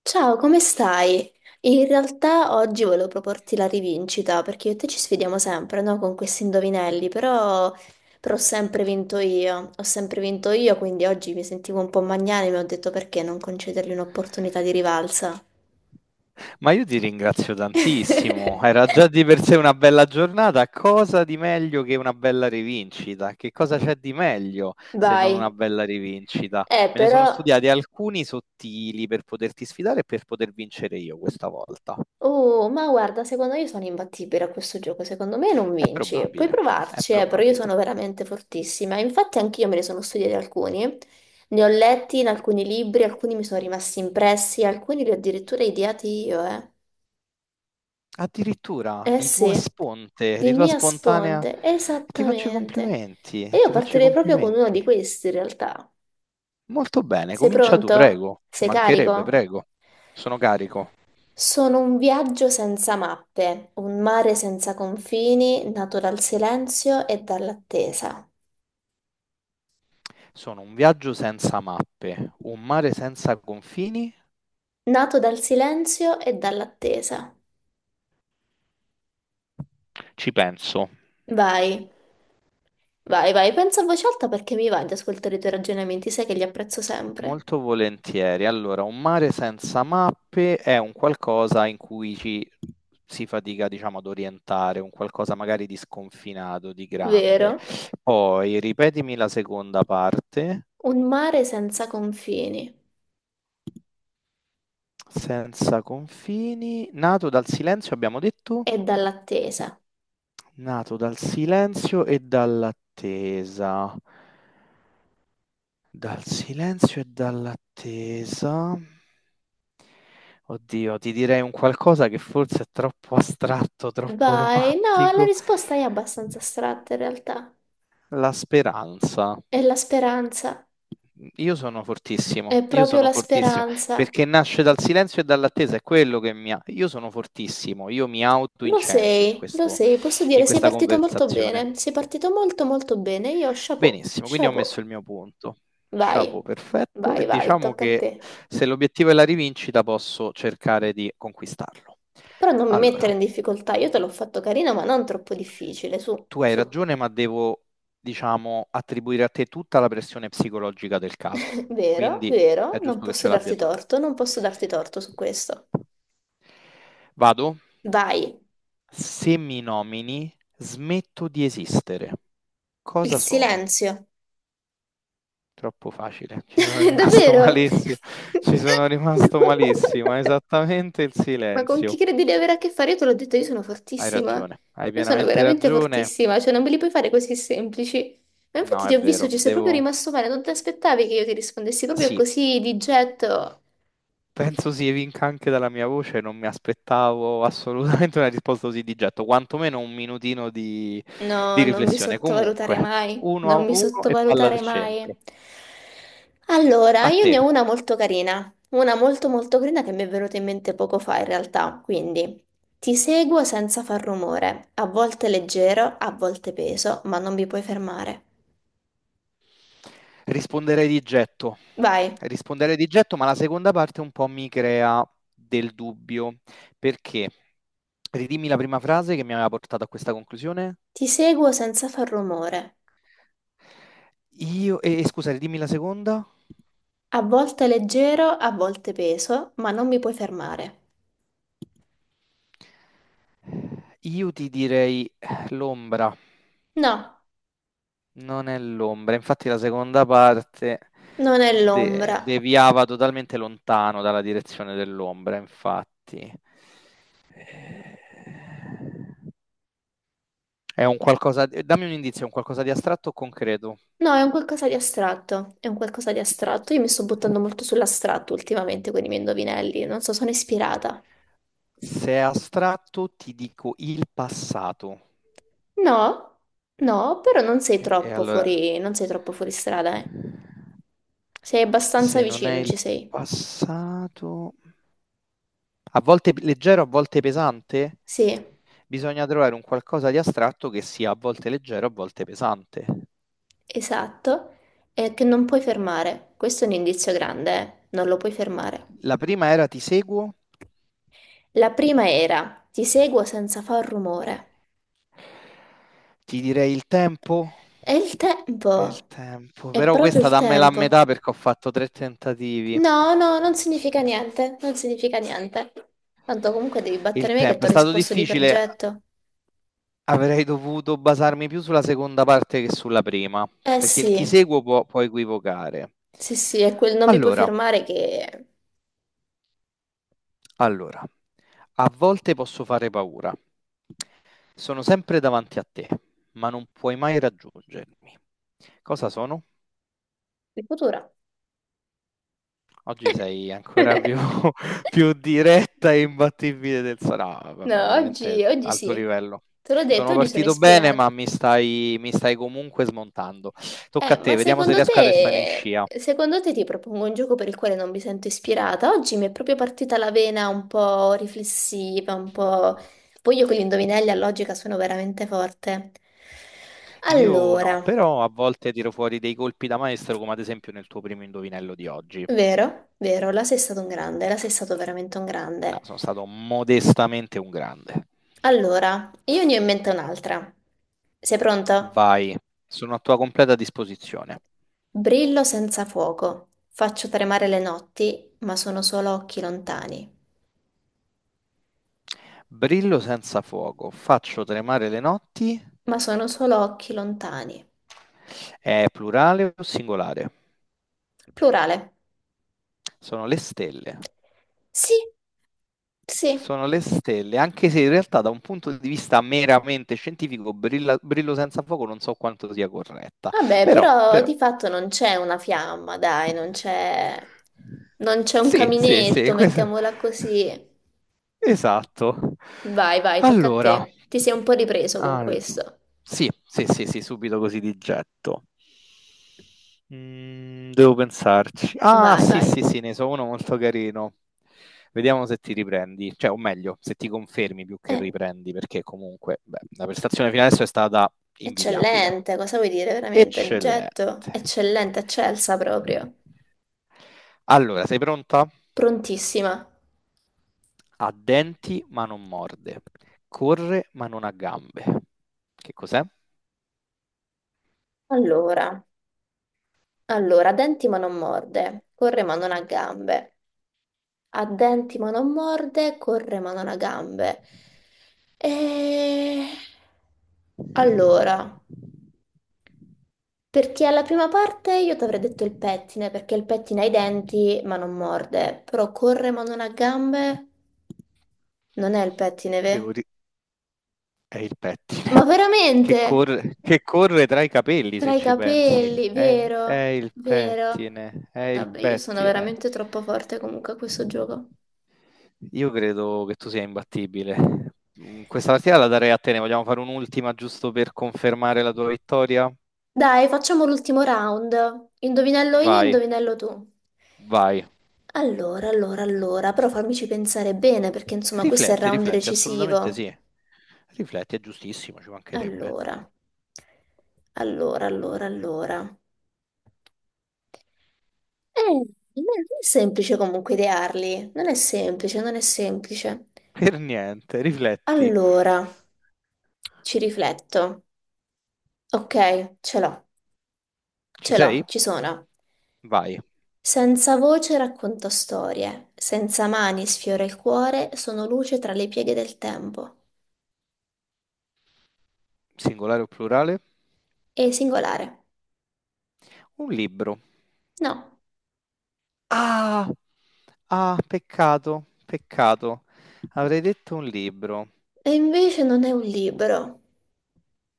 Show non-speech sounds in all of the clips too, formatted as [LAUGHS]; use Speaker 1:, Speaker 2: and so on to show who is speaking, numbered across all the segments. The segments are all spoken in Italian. Speaker 1: Ciao, come stai? In realtà oggi volevo proporti la rivincita perché io e te ci sfidiamo sempre, no? Con questi indovinelli, però ho sempre vinto io, ho sempre vinto io, quindi oggi mi sentivo un po' magnanima e mi ho detto perché non concedergli un'opportunità di rivalsa.
Speaker 2: Ma io ti ringrazio tantissimo.
Speaker 1: [LAUGHS]
Speaker 2: Era già di per sé una bella giornata. Cosa di meglio che una bella rivincita? Che cosa c'è di meglio se
Speaker 1: Vai.
Speaker 2: non una bella rivincita? Me ne sono
Speaker 1: Però
Speaker 2: studiati alcuni sottili per poterti sfidare e per poter vincere io questa volta.
Speaker 1: Oh, ma guarda, secondo me io sono imbattibile a questo gioco, secondo me non
Speaker 2: È
Speaker 1: vinci. Puoi
Speaker 2: probabile, è
Speaker 1: provarci, però io
Speaker 2: probabile.
Speaker 1: sono veramente fortissima. Infatti anch'io me ne sono studiati alcuni, ne ho letti in alcuni libri, alcuni mi sono rimasti impressi, alcuni li ho addirittura ideati io, eh.
Speaker 2: Addirittura
Speaker 1: Eh
Speaker 2: di tua
Speaker 1: sì,
Speaker 2: sponte,
Speaker 1: di
Speaker 2: di tua
Speaker 1: Mia
Speaker 2: spontanea.
Speaker 1: Sponte,
Speaker 2: Ti faccio i
Speaker 1: esattamente.
Speaker 2: complimenti,
Speaker 1: E io
Speaker 2: ti faccio i
Speaker 1: partirei proprio con uno
Speaker 2: complimenti.
Speaker 1: di questi, in realtà.
Speaker 2: Molto bene,
Speaker 1: Sei
Speaker 2: comincia tu,
Speaker 1: pronto?
Speaker 2: prego. Ci
Speaker 1: Sei
Speaker 2: mancherebbe,
Speaker 1: carico?
Speaker 2: prego. Sono carico.
Speaker 1: Sono un viaggio senza mappe, un mare senza confini, nato dal silenzio e dall'attesa.
Speaker 2: Sono un viaggio senza mappe, un mare senza confini?
Speaker 1: Nato dal silenzio e dall'attesa.
Speaker 2: Ci penso.
Speaker 1: Vai, vai, vai, pensa a voce alta perché mi va di ascoltare i tuoi ragionamenti, sai che li apprezzo sempre.
Speaker 2: Molto volentieri. Allora, un mare senza mappe è un qualcosa in cui ci si fatica, diciamo, ad orientare, un qualcosa magari di sconfinato, di grande.
Speaker 1: Vero?
Speaker 2: Poi, ripetimi la seconda parte.
Speaker 1: Un mare senza confini
Speaker 2: Senza confini, nato dal silenzio, abbiamo detto?
Speaker 1: e dall'attesa.
Speaker 2: Nato dal silenzio e dall'attesa. Dal silenzio e dall'attesa. Oddio, ti direi un qualcosa che forse è troppo astratto, troppo
Speaker 1: Vai, no, la
Speaker 2: romantico.
Speaker 1: risposta è abbastanza astratta in realtà.
Speaker 2: La speranza.
Speaker 1: È la speranza, è
Speaker 2: Io
Speaker 1: proprio
Speaker 2: sono
Speaker 1: la
Speaker 2: fortissimo,
Speaker 1: speranza.
Speaker 2: perché nasce dal silenzio e dall'attesa, è quello che mi ha... Io sono fortissimo, io mi autoincenso in
Speaker 1: Lo
Speaker 2: questo,
Speaker 1: sei, posso
Speaker 2: in
Speaker 1: dire, sei
Speaker 2: questa
Speaker 1: partito molto
Speaker 2: conversazione.
Speaker 1: bene, sei partito molto molto bene, io chapeau,
Speaker 2: Benissimo, quindi ho
Speaker 1: chapeau,
Speaker 2: messo il mio punto.
Speaker 1: vai,
Speaker 2: Chapeau, perfetto. E
Speaker 1: vai, vai,
Speaker 2: diciamo
Speaker 1: tocca a
Speaker 2: che
Speaker 1: te.
Speaker 2: se l'obiettivo è la rivincita, posso cercare di conquistarlo.
Speaker 1: Però non mi
Speaker 2: Allora,
Speaker 1: mettere in difficoltà, io te l'ho fatto carino, ma non troppo difficile, su,
Speaker 2: tu hai
Speaker 1: su.
Speaker 2: ragione, ma devo, diciamo, attribuire a te tutta la pressione psicologica del caso.
Speaker 1: [LAUGHS] Vero,
Speaker 2: Quindi
Speaker 1: vero,
Speaker 2: è
Speaker 1: non
Speaker 2: giusto che
Speaker 1: posso
Speaker 2: ce l'abbia
Speaker 1: darti
Speaker 2: tu.
Speaker 1: torto, non posso darti torto su questo.
Speaker 2: Vado.
Speaker 1: Vai,
Speaker 2: Se mi nomini, smetto di esistere.
Speaker 1: il
Speaker 2: Cosa sono?
Speaker 1: silenzio.
Speaker 2: Troppo facile, ci sono
Speaker 1: [LAUGHS]
Speaker 2: rimasto [LAUGHS]
Speaker 1: Davvero?
Speaker 2: malissimo, ci sono rimasto
Speaker 1: [LAUGHS]
Speaker 2: malissimo, è
Speaker 1: No.
Speaker 2: esattamente il
Speaker 1: Ma con chi
Speaker 2: silenzio.
Speaker 1: credi di avere a che fare? Io te l'ho detto, io sono
Speaker 2: Hai
Speaker 1: fortissima.
Speaker 2: ragione, hai
Speaker 1: Io sono
Speaker 2: pienamente
Speaker 1: veramente
Speaker 2: ragione.
Speaker 1: fortissima, cioè non me li puoi fare così semplici. Ma
Speaker 2: No,
Speaker 1: infatti
Speaker 2: è
Speaker 1: ti ho visto,
Speaker 2: vero,
Speaker 1: ci sei proprio
Speaker 2: devo...
Speaker 1: rimasto male, non ti aspettavi che io ti rispondessi proprio
Speaker 2: Sì,
Speaker 1: così di getto.
Speaker 2: penso si evinca anche dalla mia voce, non mi aspettavo assolutamente una risposta così di getto, quantomeno un minutino di
Speaker 1: No, non mi
Speaker 2: riflessione.
Speaker 1: sottovalutare
Speaker 2: Comunque,
Speaker 1: mai,
Speaker 2: uno
Speaker 1: non
Speaker 2: a
Speaker 1: mi
Speaker 2: uno e palla
Speaker 1: sottovalutare
Speaker 2: al
Speaker 1: mai.
Speaker 2: centro.
Speaker 1: Allora,
Speaker 2: A
Speaker 1: io
Speaker 2: te,
Speaker 1: ne ho una molto carina, una molto molto carina che mi è venuta in mente poco fa in realtà, quindi ti seguo senza far rumore, a volte leggero, a volte peso, ma non mi puoi fermare.
Speaker 2: risponderei di getto,
Speaker 1: Vai,
Speaker 2: risponderei di getto, ma la seconda parte un po' mi crea del dubbio. Perché? Ridimmi la prima frase che mi aveva portato a questa conclusione.
Speaker 1: ti seguo senza far rumore.
Speaker 2: E scusa, ridimmi la seconda.
Speaker 1: A volte leggero, a volte peso, ma non mi puoi fermare.
Speaker 2: Io ti direi l'ombra,
Speaker 1: No,
Speaker 2: non è l'ombra. Infatti la seconda parte
Speaker 1: non è l'ombra.
Speaker 2: deviava totalmente lontano dalla direzione dell'ombra, infatti. Eh, È un qualcosa, dammi un indizio, è un qualcosa di astratto o concreto?
Speaker 1: No, è un qualcosa di astratto. È un qualcosa di astratto. Io mi sto buttando molto sull'astratto ultimamente con i miei indovinelli. Non so, sono ispirata.
Speaker 2: Se è astratto, ti dico il passato.
Speaker 1: No, no, però non sei
Speaker 2: E, e
Speaker 1: troppo
Speaker 2: allora,
Speaker 1: fuori, non sei troppo fuori strada, eh. Sei abbastanza
Speaker 2: se non è
Speaker 1: vicino,
Speaker 2: il
Speaker 1: ci sei.
Speaker 2: passato, a volte leggero, a volte pesante,
Speaker 1: Sì,
Speaker 2: bisogna trovare un qualcosa di astratto che sia a volte leggero, a volte pesante.
Speaker 1: esatto. È che non puoi fermare. Questo è un indizio grande, eh. Non lo puoi fermare.
Speaker 2: La prima era ti seguo,
Speaker 1: La prima era ti seguo senza far rumore.
Speaker 2: ti direi il tempo.
Speaker 1: È il
Speaker 2: È il
Speaker 1: tempo.
Speaker 2: tempo,
Speaker 1: È
Speaker 2: però
Speaker 1: proprio
Speaker 2: questa
Speaker 1: il
Speaker 2: dammela a
Speaker 1: tempo.
Speaker 2: metà perché ho fatto tre tentativi.
Speaker 1: No, no, non significa niente, non significa niente. Tanto comunque devi
Speaker 2: Il
Speaker 1: battere me che ti
Speaker 2: tempo
Speaker 1: ho
Speaker 2: è stato
Speaker 1: risposto di
Speaker 2: difficile.
Speaker 1: progetto.
Speaker 2: Avrei dovuto basarmi più sulla seconda parte che sulla prima,
Speaker 1: Eh
Speaker 2: perché il ti
Speaker 1: sì,
Speaker 2: seguo può, può equivocare.
Speaker 1: sì, sì, è quel non mi puoi
Speaker 2: Allora,
Speaker 1: fermare che è
Speaker 2: allora, a volte posso fare paura. Sono sempre davanti a te, ma non puoi mai raggiungermi. Cosa sono?
Speaker 1: futura.
Speaker 2: Oggi sei ancora più,
Speaker 1: [LAUGHS]
Speaker 2: [LAUGHS] più diretta e imbattibile del sa no, vabbè,
Speaker 1: No,
Speaker 2: veramente
Speaker 1: oggi, oggi
Speaker 2: alto
Speaker 1: sì.
Speaker 2: livello.
Speaker 1: Te l'ho detto,
Speaker 2: Sono
Speaker 1: oggi sono
Speaker 2: partito bene,
Speaker 1: ispirata.
Speaker 2: ma mi stai comunque smontando. Tocca a
Speaker 1: Ma
Speaker 2: te, vediamo se riesco a restare in scia.
Speaker 1: secondo te ti propongo un gioco per il quale non mi sento ispirata? Oggi mi è proprio partita la vena un po' riflessiva, un po'... Poi io con gli indovinelli a logica sono veramente forte.
Speaker 2: Io
Speaker 1: Allora,
Speaker 2: no, però a volte tiro fuori dei colpi da maestro, come ad esempio nel tuo primo indovinello di oggi.
Speaker 1: vero, vero, la sei stato un grande, la sei stato veramente un
Speaker 2: Là
Speaker 1: grande.
Speaker 2: sono stato modestamente un grande.
Speaker 1: Allora, io ne ho in mente un'altra. Sei pronto?
Speaker 2: Vai, sono a tua completa disposizione.
Speaker 1: Brillo senza fuoco, faccio tremare le notti, ma sono solo occhi lontani.
Speaker 2: Brillo senza fuoco, faccio tremare le notti.
Speaker 1: Ma sono solo occhi lontani.
Speaker 2: È plurale o singolare?
Speaker 1: Plurale.
Speaker 2: Sono le stelle.
Speaker 1: Sì, sì.
Speaker 2: Sono le stelle, anche se in realtà da un punto di vista meramente scientifico, Brillo senza fuoco non so quanto sia corretta,
Speaker 1: Vabbè,
Speaker 2: però,
Speaker 1: però
Speaker 2: però
Speaker 1: di fatto non c'è una fiamma, dai, non c'è un
Speaker 2: sì, sì, sì,
Speaker 1: caminetto,
Speaker 2: questa-
Speaker 1: mettiamola così.
Speaker 2: esatto.
Speaker 1: Vai, vai, tocca a te.
Speaker 2: Allora.
Speaker 1: Ti sei un po' ripreso con
Speaker 2: Allora,
Speaker 1: questo.
Speaker 2: sì, sì, sì, sì, subito così di getto. Devo pensarci. Ah,
Speaker 1: Vai,
Speaker 2: sì,
Speaker 1: vai.
Speaker 2: sì, sì, ne so uno molto carino. Vediamo se ti riprendi, cioè, o meglio, se ti confermi più che
Speaker 1: Eh,
Speaker 2: riprendi, perché comunque, beh, la prestazione fino adesso è stata invidiabile.
Speaker 1: eccellente, cosa vuoi dire veramente? Getto,
Speaker 2: Eccellente.
Speaker 1: eccellente, eccelsa proprio.
Speaker 2: Allora, sei pronta?
Speaker 1: Prontissima.
Speaker 2: Ha denti ma non morde, corre ma non ha gambe. Che cos'è?
Speaker 1: Allora, allora, denti ma non morde, corre ma non ha gambe. Ha denti ma non morde, corre ma non ha gambe. E... Allora, perché alla prima parte io ti avrei detto il pettine, perché il pettine ha i denti ma non morde, però corre ma non ha gambe, non è il pettine, ve?
Speaker 2: Devo... È il pettine
Speaker 1: Ma veramente?
Speaker 2: che corre tra i capelli, se
Speaker 1: Tra i
Speaker 2: ci pensi.
Speaker 1: capelli,
Speaker 2: È
Speaker 1: vero?
Speaker 2: il
Speaker 1: Vero?
Speaker 2: pettine, è il
Speaker 1: Vabbè, io sono
Speaker 2: pettine.
Speaker 1: veramente troppo forte comunque a questo gioco.
Speaker 2: Io credo che tu sia imbattibile. Questa partita la darei a te. Ne vogliamo fare un'ultima giusto per confermare la tua vittoria?
Speaker 1: Dai, facciamo l'ultimo round. Indovinello io,
Speaker 2: Vai,
Speaker 1: indovinello tu.
Speaker 2: vai.
Speaker 1: Allora, allora, allora, però fammici pensare bene perché insomma questo è il
Speaker 2: Rifletti,
Speaker 1: round
Speaker 2: rifletti, assolutamente
Speaker 1: decisivo.
Speaker 2: sì. Rifletti, è giustissimo, ci mancherebbe.
Speaker 1: Allora, allora, allora, allora. Eh, non è semplice comunque idearli, non è semplice, non è semplice.
Speaker 2: Per niente, rifletti.
Speaker 1: Allora, ci rifletto. Ok,
Speaker 2: Ci
Speaker 1: ce l'ho,
Speaker 2: sei?
Speaker 1: ci sono.
Speaker 2: Vai.
Speaker 1: Senza voce racconto storie, senza mani sfiora il cuore, sono luce tra le pieghe del tempo.
Speaker 2: Singolare o plurale?
Speaker 1: È singolare.
Speaker 2: Un libro.
Speaker 1: No.
Speaker 2: Ah, ah, peccato, peccato. Avrei detto un libro.
Speaker 1: E invece non è un libro.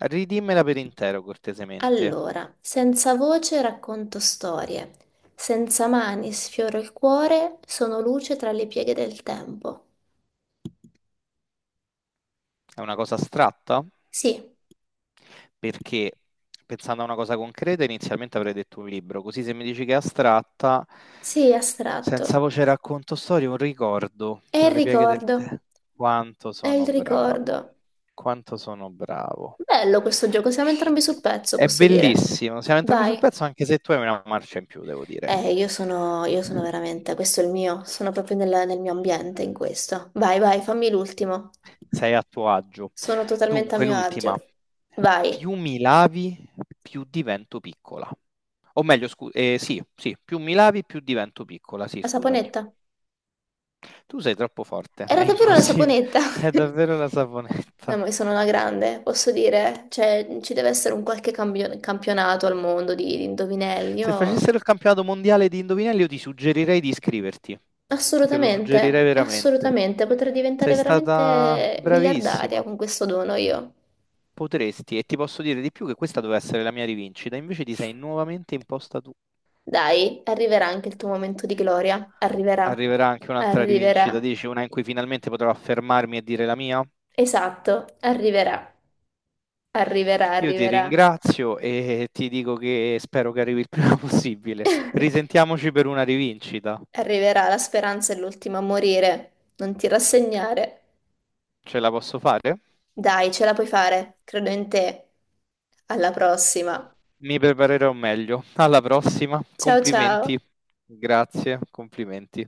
Speaker 2: Ridimmela per intero, cortesemente.
Speaker 1: Allora, senza voce racconto storie, senza mani sfioro il cuore, sono luce tra le pieghe del tempo.
Speaker 2: È una cosa astratta?
Speaker 1: Sì,
Speaker 2: Perché pensando a una cosa concreta, inizialmente avrei detto un libro. Così se mi dici che è astratta,
Speaker 1: sì,
Speaker 2: senza
Speaker 1: astratto.
Speaker 2: voce racconto storie, un ricordo
Speaker 1: È il
Speaker 2: tra le pieghe del
Speaker 1: ricordo,
Speaker 2: tè. Quanto
Speaker 1: è il
Speaker 2: sono bravo,
Speaker 1: ricordo.
Speaker 2: quanto sono bravo.
Speaker 1: Bello questo gioco, siamo entrambi sul pezzo,
Speaker 2: È
Speaker 1: posso dire.
Speaker 2: bellissimo, siamo entrambi sul
Speaker 1: Vai.
Speaker 2: pezzo anche se tu hai una marcia in più, devo dire.
Speaker 1: Io sono veramente, questo è il mio, sono proprio nel mio ambiente in questo. Vai, vai, fammi l'ultimo.
Speaker 2: Sei a tuo agio.
Speaker 1: Sono totalmente a
Speaker 2: Dunque,
Speaker 1: mio
Speaker 2: l'ultima.
Speaker 1: agio. Vai.
Speaker 2: Più mi lavi, più divento piccola. O meglio, sì, sì, più mi lavi, più divento piccola. Sì,
Speaker 1: La
Speaker 2: scusami.
Speaker 1: saponetta.
Speaker 2: Tu sei troppo forte, è
Speaker 1: Era davvero la
Speaker 2: impossibile.
Speaker 1: saponetta.
Speaker 2: [LAUGHS] È davvero la
Speaker 1: [LAUGHS] No,
Speaker 2: saponetta.
Speaker 1: ma io sono una grande, posso dire. Cioè, ci deve essere un qualche campionato al mondo di, indovinelli.
Speaker 2: Se
Speaker 1: Io...
Speaker 2: facessero il campionato mondiale di indovinelli, io ti suggerirei di iscriverti. Te lo suggerirei
Speaker 1: Assolutamente,
Speaker 2: veramente.
Speaker 1: assolutamente. Potrei
Speaker 2: Sei
Speaker 1: diventare
Speaker 2: stata
Speaker 1: veramente miliardaria
Speaker 2: bravissima.
Speaker 1: con questo dono io.
Speaker 2: Potresti, e ti posso dire di più che questa doveva essere la mia rivincita, invece ti sei nuovamente imposta tu.
Speaker 1: Dai, arriverà anche il tuo momento di gloria. Arriverà.
Speaker 2: Arriverà anche un'altra rivincita,
Speaker 1: Arriverà.
Speaker 2: dici una in cui finalmente potrò affermarmi e dire la mia?
Speaker 1: Esatto, arriverà. Arriverà,
Speaker 2: Io ti
Speaker 1: arriverà.
Speaker 2: ringrazio e ti dico che spero che arrivi il prima [LAUGHS] possibile.
Speaker 1: [LAUGHS]
Speaker 2: Risentiamoci per una rivincita.
Speaker 1: Arriverà, la speranza è l'ultima a morire. Non ti rassegnare.
Speaker 2: Ce la posso fare?
Speaker 1: Dai, ce la puoi fare, credo in te. Alla prossima.
Speaker 2: Mi preparerò meglio. Alla prossima.
Speaker 1: Ciao
Speaker 2: Complimenti.
Speaker 1: ciao.
Speaker 2: Grazie, complimenti.